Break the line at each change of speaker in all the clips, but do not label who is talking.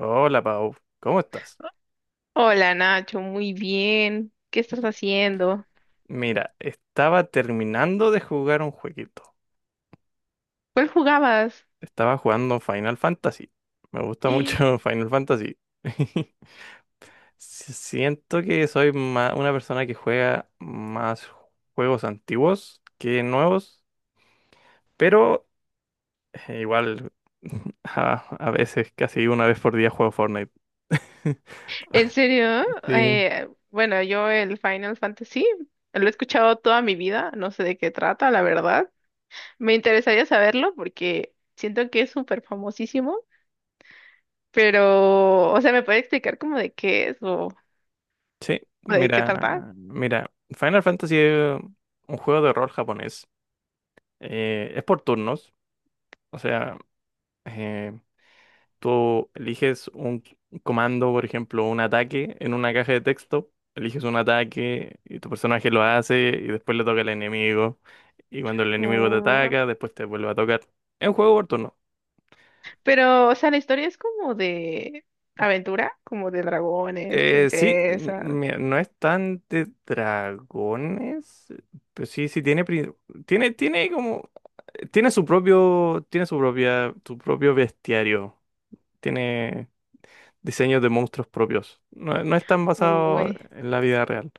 Hola Pau, ¿cómo estás?
Hola Nacho, muy bien. ¿Qué estás haciendo?
Mira, estaba terminando de jugar un jueguito.
¿Cuál jugabas?
Estaba jugando Final Fantasy. Me gusta mucho Final Fantasy. Siento que soy una persona que juega más juegos antiguos que nuevos, pero igual a, a veces casi una vez por día juego Fortnite.
¿En serio?
Sí.
Bueno, yo el Final Fantasy lo he escuchado toda mi vida, no sé de qué trata, la verdad. Me interesaría saberlo porque siento que es súper famosísimo, pero, o sea, ¿me puede explicar como de qué es o,
Sí,
o de qué
mira,
trata?
mira, Final Fantasy es un juego de rol japonés. Es por turnos, o sea, eh, tú eliges un comando, por ejemplo, un ataque en una caja de texto, eliges un ataque y tu personaje lo hace y después le toca al enemigo y cuando el enemigo te
O-
ataca, después te vuelve a tocar. Es un juego por turno.
Pero, o sea, la historia es como de aventura, como de dragones,
Sí,
princesas.
mira, no es tan de dragones, pero sí, sí tiene, tiene, tiene su propio, tiene su propia, su propio bestiario. Tiene diseños de monstruos propios. No, no están basados
Uy.
en la vida real.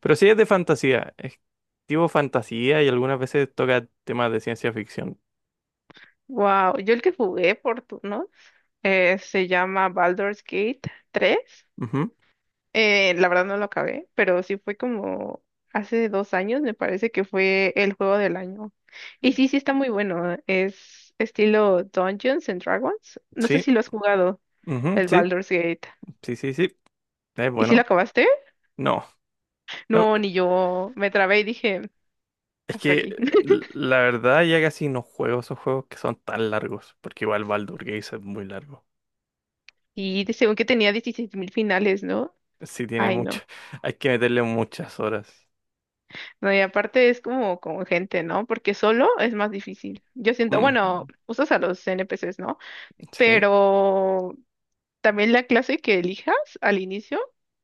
Pero sí es de fantasía. Es tipo fantasía y algunas veces toca temas de ciencia ficción.
Wow, yo el que jugué por turno se llama Baldur's Gate 3.
Ujú,
La verdad no lo acabé, pero sí fue como hace 2 años, me parece que fue el juego del año. Y sí, sí está muy bueno. Es estilo Dungeons and Dragons. No sé
sí,
si lo has jugado,
ujú,
el
sí,
Baldur's Gate.
sí, sí, sí. Es
¿Y si lo
bueno.
acabaste?
No, no,
No, ni yo. Me trabé y dije,
es
hasta
que
aquí.
la verdad ya casi no juego esos juegos que son tan largos. Porque igual Baldur Gate es muy largo.
Según que tenía 16 mil finales, ¿no?
Sí, tiene
Ay,
mucho.
no.
Hay que meterle muchas horas.
No, y aparte es como con gente, ¿no? Porque solo es más difícil. Yo siento, bueno,
Mm,
usas a los NPCs, ¿no?
sí.
Pero también la clase que elijas al inicio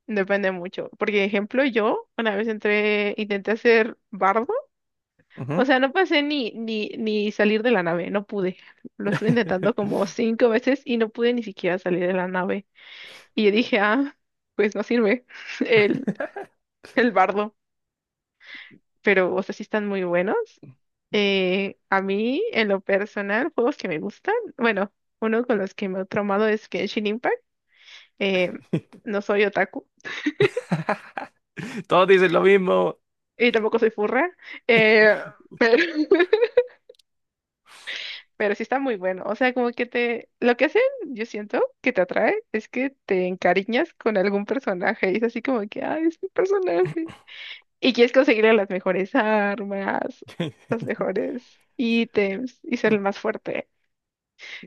depende mucho. Porque, ejemplo, yo una vez entré, intenté hacer bardo. O
Ujú.
sea, no pasé ni salir de la nave, no pude. Lo estuve intentando como cinco veces y no pude ni siquiera salir de la nave. Y yo dije, ah, pues no sirve el, el bardo. Pero, o sea, sí están muy buenos. A mí, en lo personal, juegos que me gustan, bueno, uno con los que me he traumado es Genshin Impact. Eh, no soy otaku
Todos dicen lo mismo.
y tampoco soy furra, eh, pero, pero sí está muy bueno. O sea, como que lo que hacen, yo siento que te atrae, es que te encariñas con algún personaje y es así como que, ay, es mi personaje. Y quieres conseguirle las mejores armas, los mejores ítems y ser el más fuerte.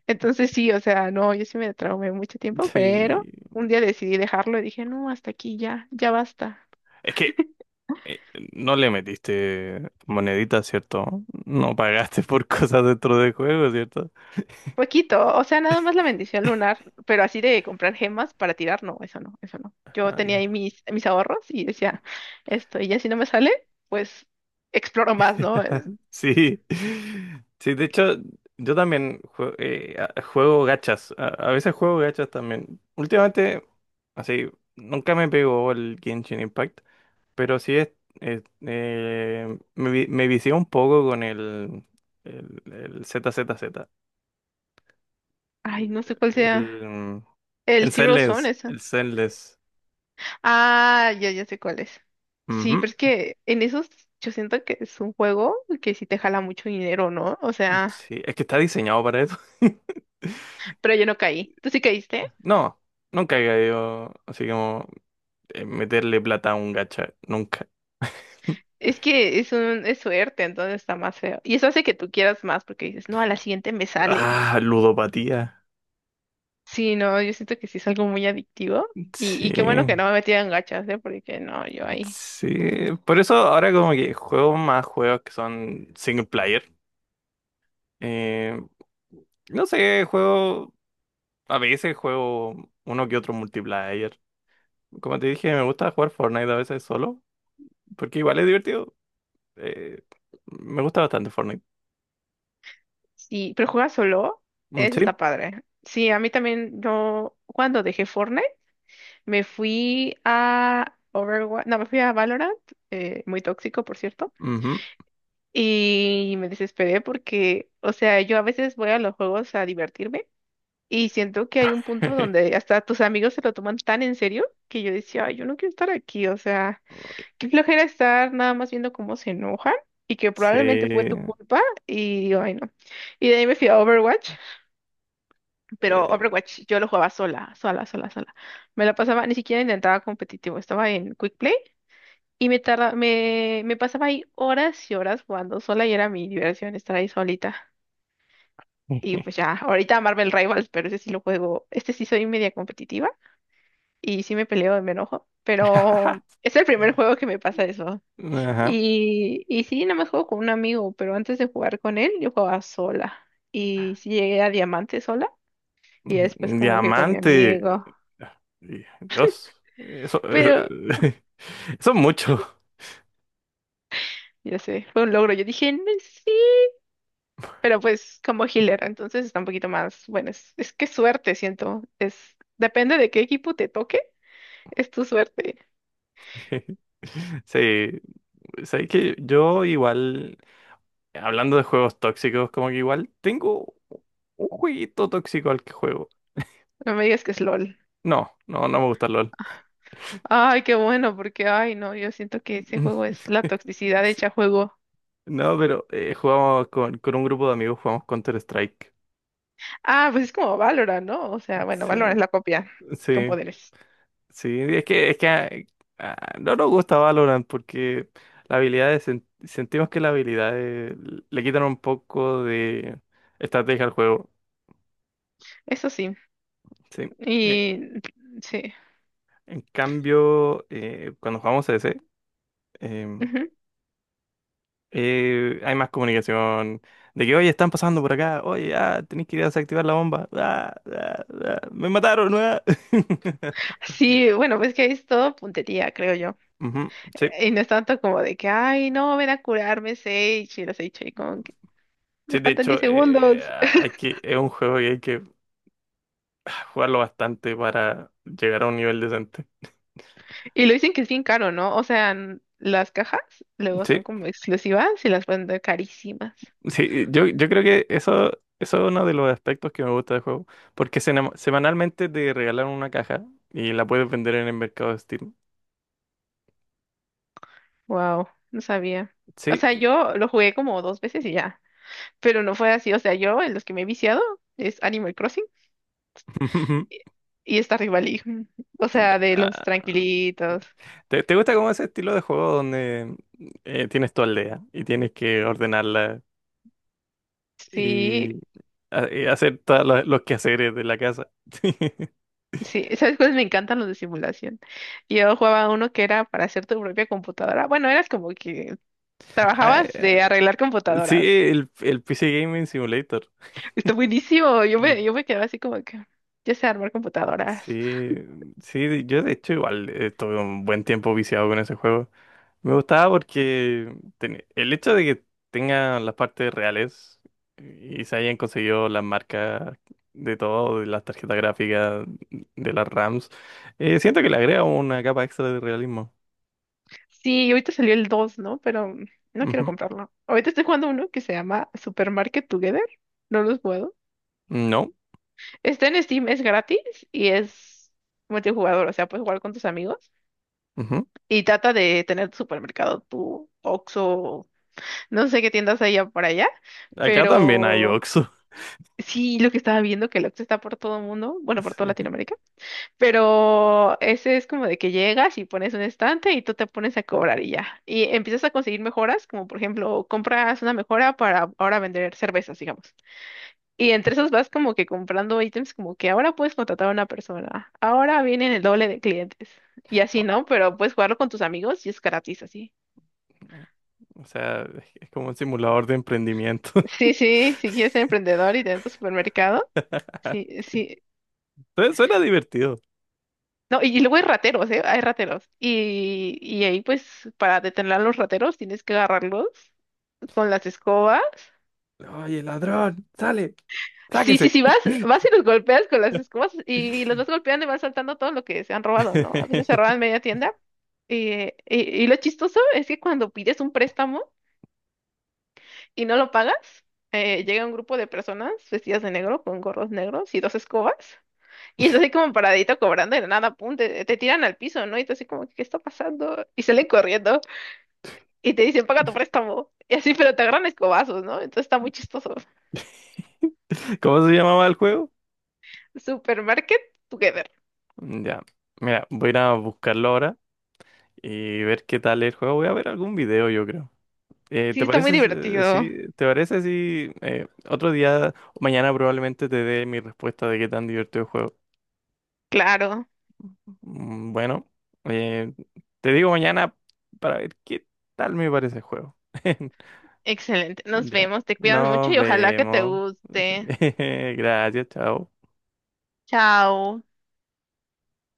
Entonces sí, o sea, no, yo sí me traumé mucho tiempo, pero
Sí.
un día decidí dejarlo y dije, no, hasta aquí ya, ya basta.
Es que eh, no le metiste moneditas, ¿cierto? No pagaste por cosas dentro del juego, ¿cierto?
Poquito, o sea, nada más la bendición lunar, pero así de comprar gemas para tirar, no, eso no, eso no. Yo
Ah,
tenía
ya.
ahí mis ahorros y decía, esto, y ya si no me sale, pues exploro más, ¿no?
Sí. Sí, de hecho, yo también juego gachas. A veces juego gachas también. Últimamente, así, nunca me pegó el Genshin Impact, pero sí es, me vicié un poco con el Z. Z Z.
Ay, no sé cuál sea
El,
el
en
Zero Zone,
Zenless,
esa.
el Zenless.
Ah, ya, ya sé cuál es.
Ujú,
Sí, pero es que en esos yo siento que es un juego que sí te jala mucho dinero, ¿no? O sea,
sí, es que está diseñado para eso.
pero yo no caí. ¿Tú sí caíste?
No, nunca he caído así como meterle plata a un gacha, nunca.
Es que es suerte, entonces está más feo. Y eso hace que tú quieras más porque dices, no, a la siguiente me sale.
Ah, ludopatía.
Sí, no, yo siento que sí es algo muy adictivo. Y qué bueno
Sí,
que no me metí en gachas, ¿eh? Porque no, yo ahí.
sí. Por eso ahora como que juego más juegos que son single player. Eh, no sé, a veces juego uno que otro multiplayer. Como te dije, me gusta jugar Fortnite a veces solo. Porque igual es divertido. Eh, Me gusta bastante Fortnite.
Sí, pero juega solo,
Mm,
eso está
sí.
padre. Sí, a mí también, yo cuando dejé Fortnite, me fui a Overwatch, no, me fui a Valorant, muy tóxico, por cierto.
Ujú.
Y me desesperé porque, o sea, yo a veces voy a los juegos a divertirme. Y siento que hay un punto donde hasta tus amigos se lo toman tan en serio que yo decía, ay, yo no quiero estar aquí, o sea, qué flojera estar nada más viendo cómo se enojan y que probablemente fue tu
Sí.
culpa y digo, ay, no. Y de ahí me fui a Overwatch, pero
Eh.
Overwatch yo lo jugaba sola, sola, sola, sola. Me la pasaba, ni siquiera intentaba competitivo, estaba en Quick Play y me pasaba ahí horas y horas jugando sola y era mi diversión estar ahí solita. Y pues ya, ahorita Marvel Rivals, pero ese sí lo juego, este sí soy media competitiva. Y sí me peleo y me enojo, pero es el primer juego que me pasa eso.
Ajá.
Y sí, nada más juego con un amigo, pero antes de jugar con él, yo jugaba sola. Y sí llegué a diamante sola y después
Mm,
como que con mi
diamante.
amigo.
Dios. Eso,
Pero,
eso es mucho.
ya sé, fue un logro. Yo dije, "No, sí, pero pues como healer, entonces está un poquito más, bueno, es que suerte, siento. Depende de qué equipo te toque, es tu suerte.
Sí. Sabes que yo igual, hablando de juegos tóxicos, como que igual tengo un jueguito tóxico al que juego.
No me digas que es LOL.
No, no, no me gusta el LOL.
Ay, qué bueno, porque, ay, no, yo siento que ese juego es la toxicidad
Sí.
hecha juego.
No, pero jugamos con un grupo de amigos, jugamos Counter-Strike.
Ah, pues es como Valorant, ¿no? O sea, bueno,
Sí,
Valorant es la copia con
sí,
poderes.
sí. Es que, no nos gusta Valorant porque la habilidad de sentimos que la habilidad de le quitan un poco de estrategia al juego.
Eso sí.
Sí. Eh,
Y sí.
en cambio, cuando jugamos CS, em,
Ujú.
hay más comunicación. De que, oye, están pasando por acá. Oye, ah, tenés que ir a desactivar la bomba. Ah, ah, ah, me mataron. Ah.
Sí, bueno, pues que ahí es todo puntería, creo yo.
Ujú, sí,
Y no es tanto como de que, ay, no, ven a curarme, Sage. Y los Sage ahí como que me
sí, de
faltan
hecho,
10 segundos.
es un juego que hay que jugarlo bastante para llegar a un nivel decente.
Y lo dicen que es bien caro, ¿no? O sea, las cajas luego son
Sí,
como exclusivas y las pueden dar carísimas.
sí, yo creo que eso es uno de los aspectos que me gusta del juego, porque semanalmente te regalan una caja y la puedes vender en el mercado de Steam.
Wow, no sabía. O
Sí.
sea, yo lo jugué como dos veces y ya. Pero no fue así. O sea, yo en los que me he viciado es Animal Crossing. Y está Rivalí. O sea, de los
Ah,
tranquilitos.
¿te, te gusta como ese estilo de juego donde tienes tu aldea y tienes que ordenarla
Sí,
y y hacer todos los quehaceres de la casa?
sí. ¿Sabes cuáles me encantan los de simulación? Yo jugaba uno que era para hacer tu propia computadora. Bueno, eras como que
Ah,
trabajabas de arreglar
sí,
computadoras.
el PC Gaming Simulator.
Está buenísimo. Yo me quedaba así como que, ya sé armar computadoras.
Sí, sí, yo de hecho igual estuve un buen tiempo viciado con ese juego. Me gustaba porque el hecho de que tenga las partes reales y se hayan conseguido las marcas de todo, de las tarjetas gráficas, de las RAMs, siento que le agrega una capa extra de realismo.
Sí, y ahorita salió el 2, ¿no? Pero no quiero
Ujú.
comprarlo. Ahorita estoy jugando uno que se llama Supermarket Together. No los puedo.
No,
Está en Steam, es gratis y es multijugador, o sea, puedes jugar con tus amigos.
ujú.
Y trata de tener tu supermercado, tu Oxxo, no sé qué tiendas haya por allá,
Acá también hay
pero
Oxxo.
sí, lo que estaba viendo que el Oxxo está por todo el mundo, bueno, por toda Latinoamérica, pero ese es como de que llegas y pones un estante y tú te pones a cobrar y ya. Y empiezas a conseguir mejoras, como por ejemplo, compras una mejora para ahora vender cervezas, digamos. Y entre esos vas como que comprando ítems como que ahora puedes contratar a una persona, ahora vienen el doble de clientes. Y así, ¿no? Pero puedes jugarlo con tus amigos y es gratis así.
Sí. O sea, es como un simulador de emprendimiento.
Sí, sí, si quieres ser emprendedor y tener tu supermercado, sí, sí.
Entonces suena divertido.
No, y luego hay rateros, ¿eh? Hay rateros. Y ahí, pues, para detener a los rateros, tienes que agarrarlos con las escobas.
Oye, ladrón, sale,
Sí, sí,
sáquese.
sí, vas, vas y los golpeas con las escobas y los vas golpeando y vas saltando todo lo que se han robado, ¿no? A veces se roban media tienda. Y lo chistoso es que cuando pides un préstamo y no lo pagas, llega un grupo de personas vestidas de negro con gorros negros y dos escobas. Y está así como paradito cobrando y de nada, pum, te tiran al piso, ¿no? Y tú así como, ¿qué está pasando? Y salen corriendo y te dicen, paga tu préstamo. Y así, pero te agarran a escobazos, ¿no? Entonces está muy chistoso.
¿Cómo se llamaba el juego?
Supermarket Together.
Mm, ya, mira, voy a ir a buscarlo ahora y ver qué tal el juego. Voy a ver algún video, yo creo.
Sí,
¿Te
está muy
parece,
divertido.
sí? ¿Te parece si otro día, mañana probablemente te dé mi respuesta de qué tan divertido el juego?
Claro.
Mm, bueno, eh, te digo mañana para ver qué tal me parece el juego.
Excelente. Nos
Ya.
vemos. Te cuidas mucho
Nos
y ojalá que te
vemos. Sí.
guste.
Gracias, chao.
Chao.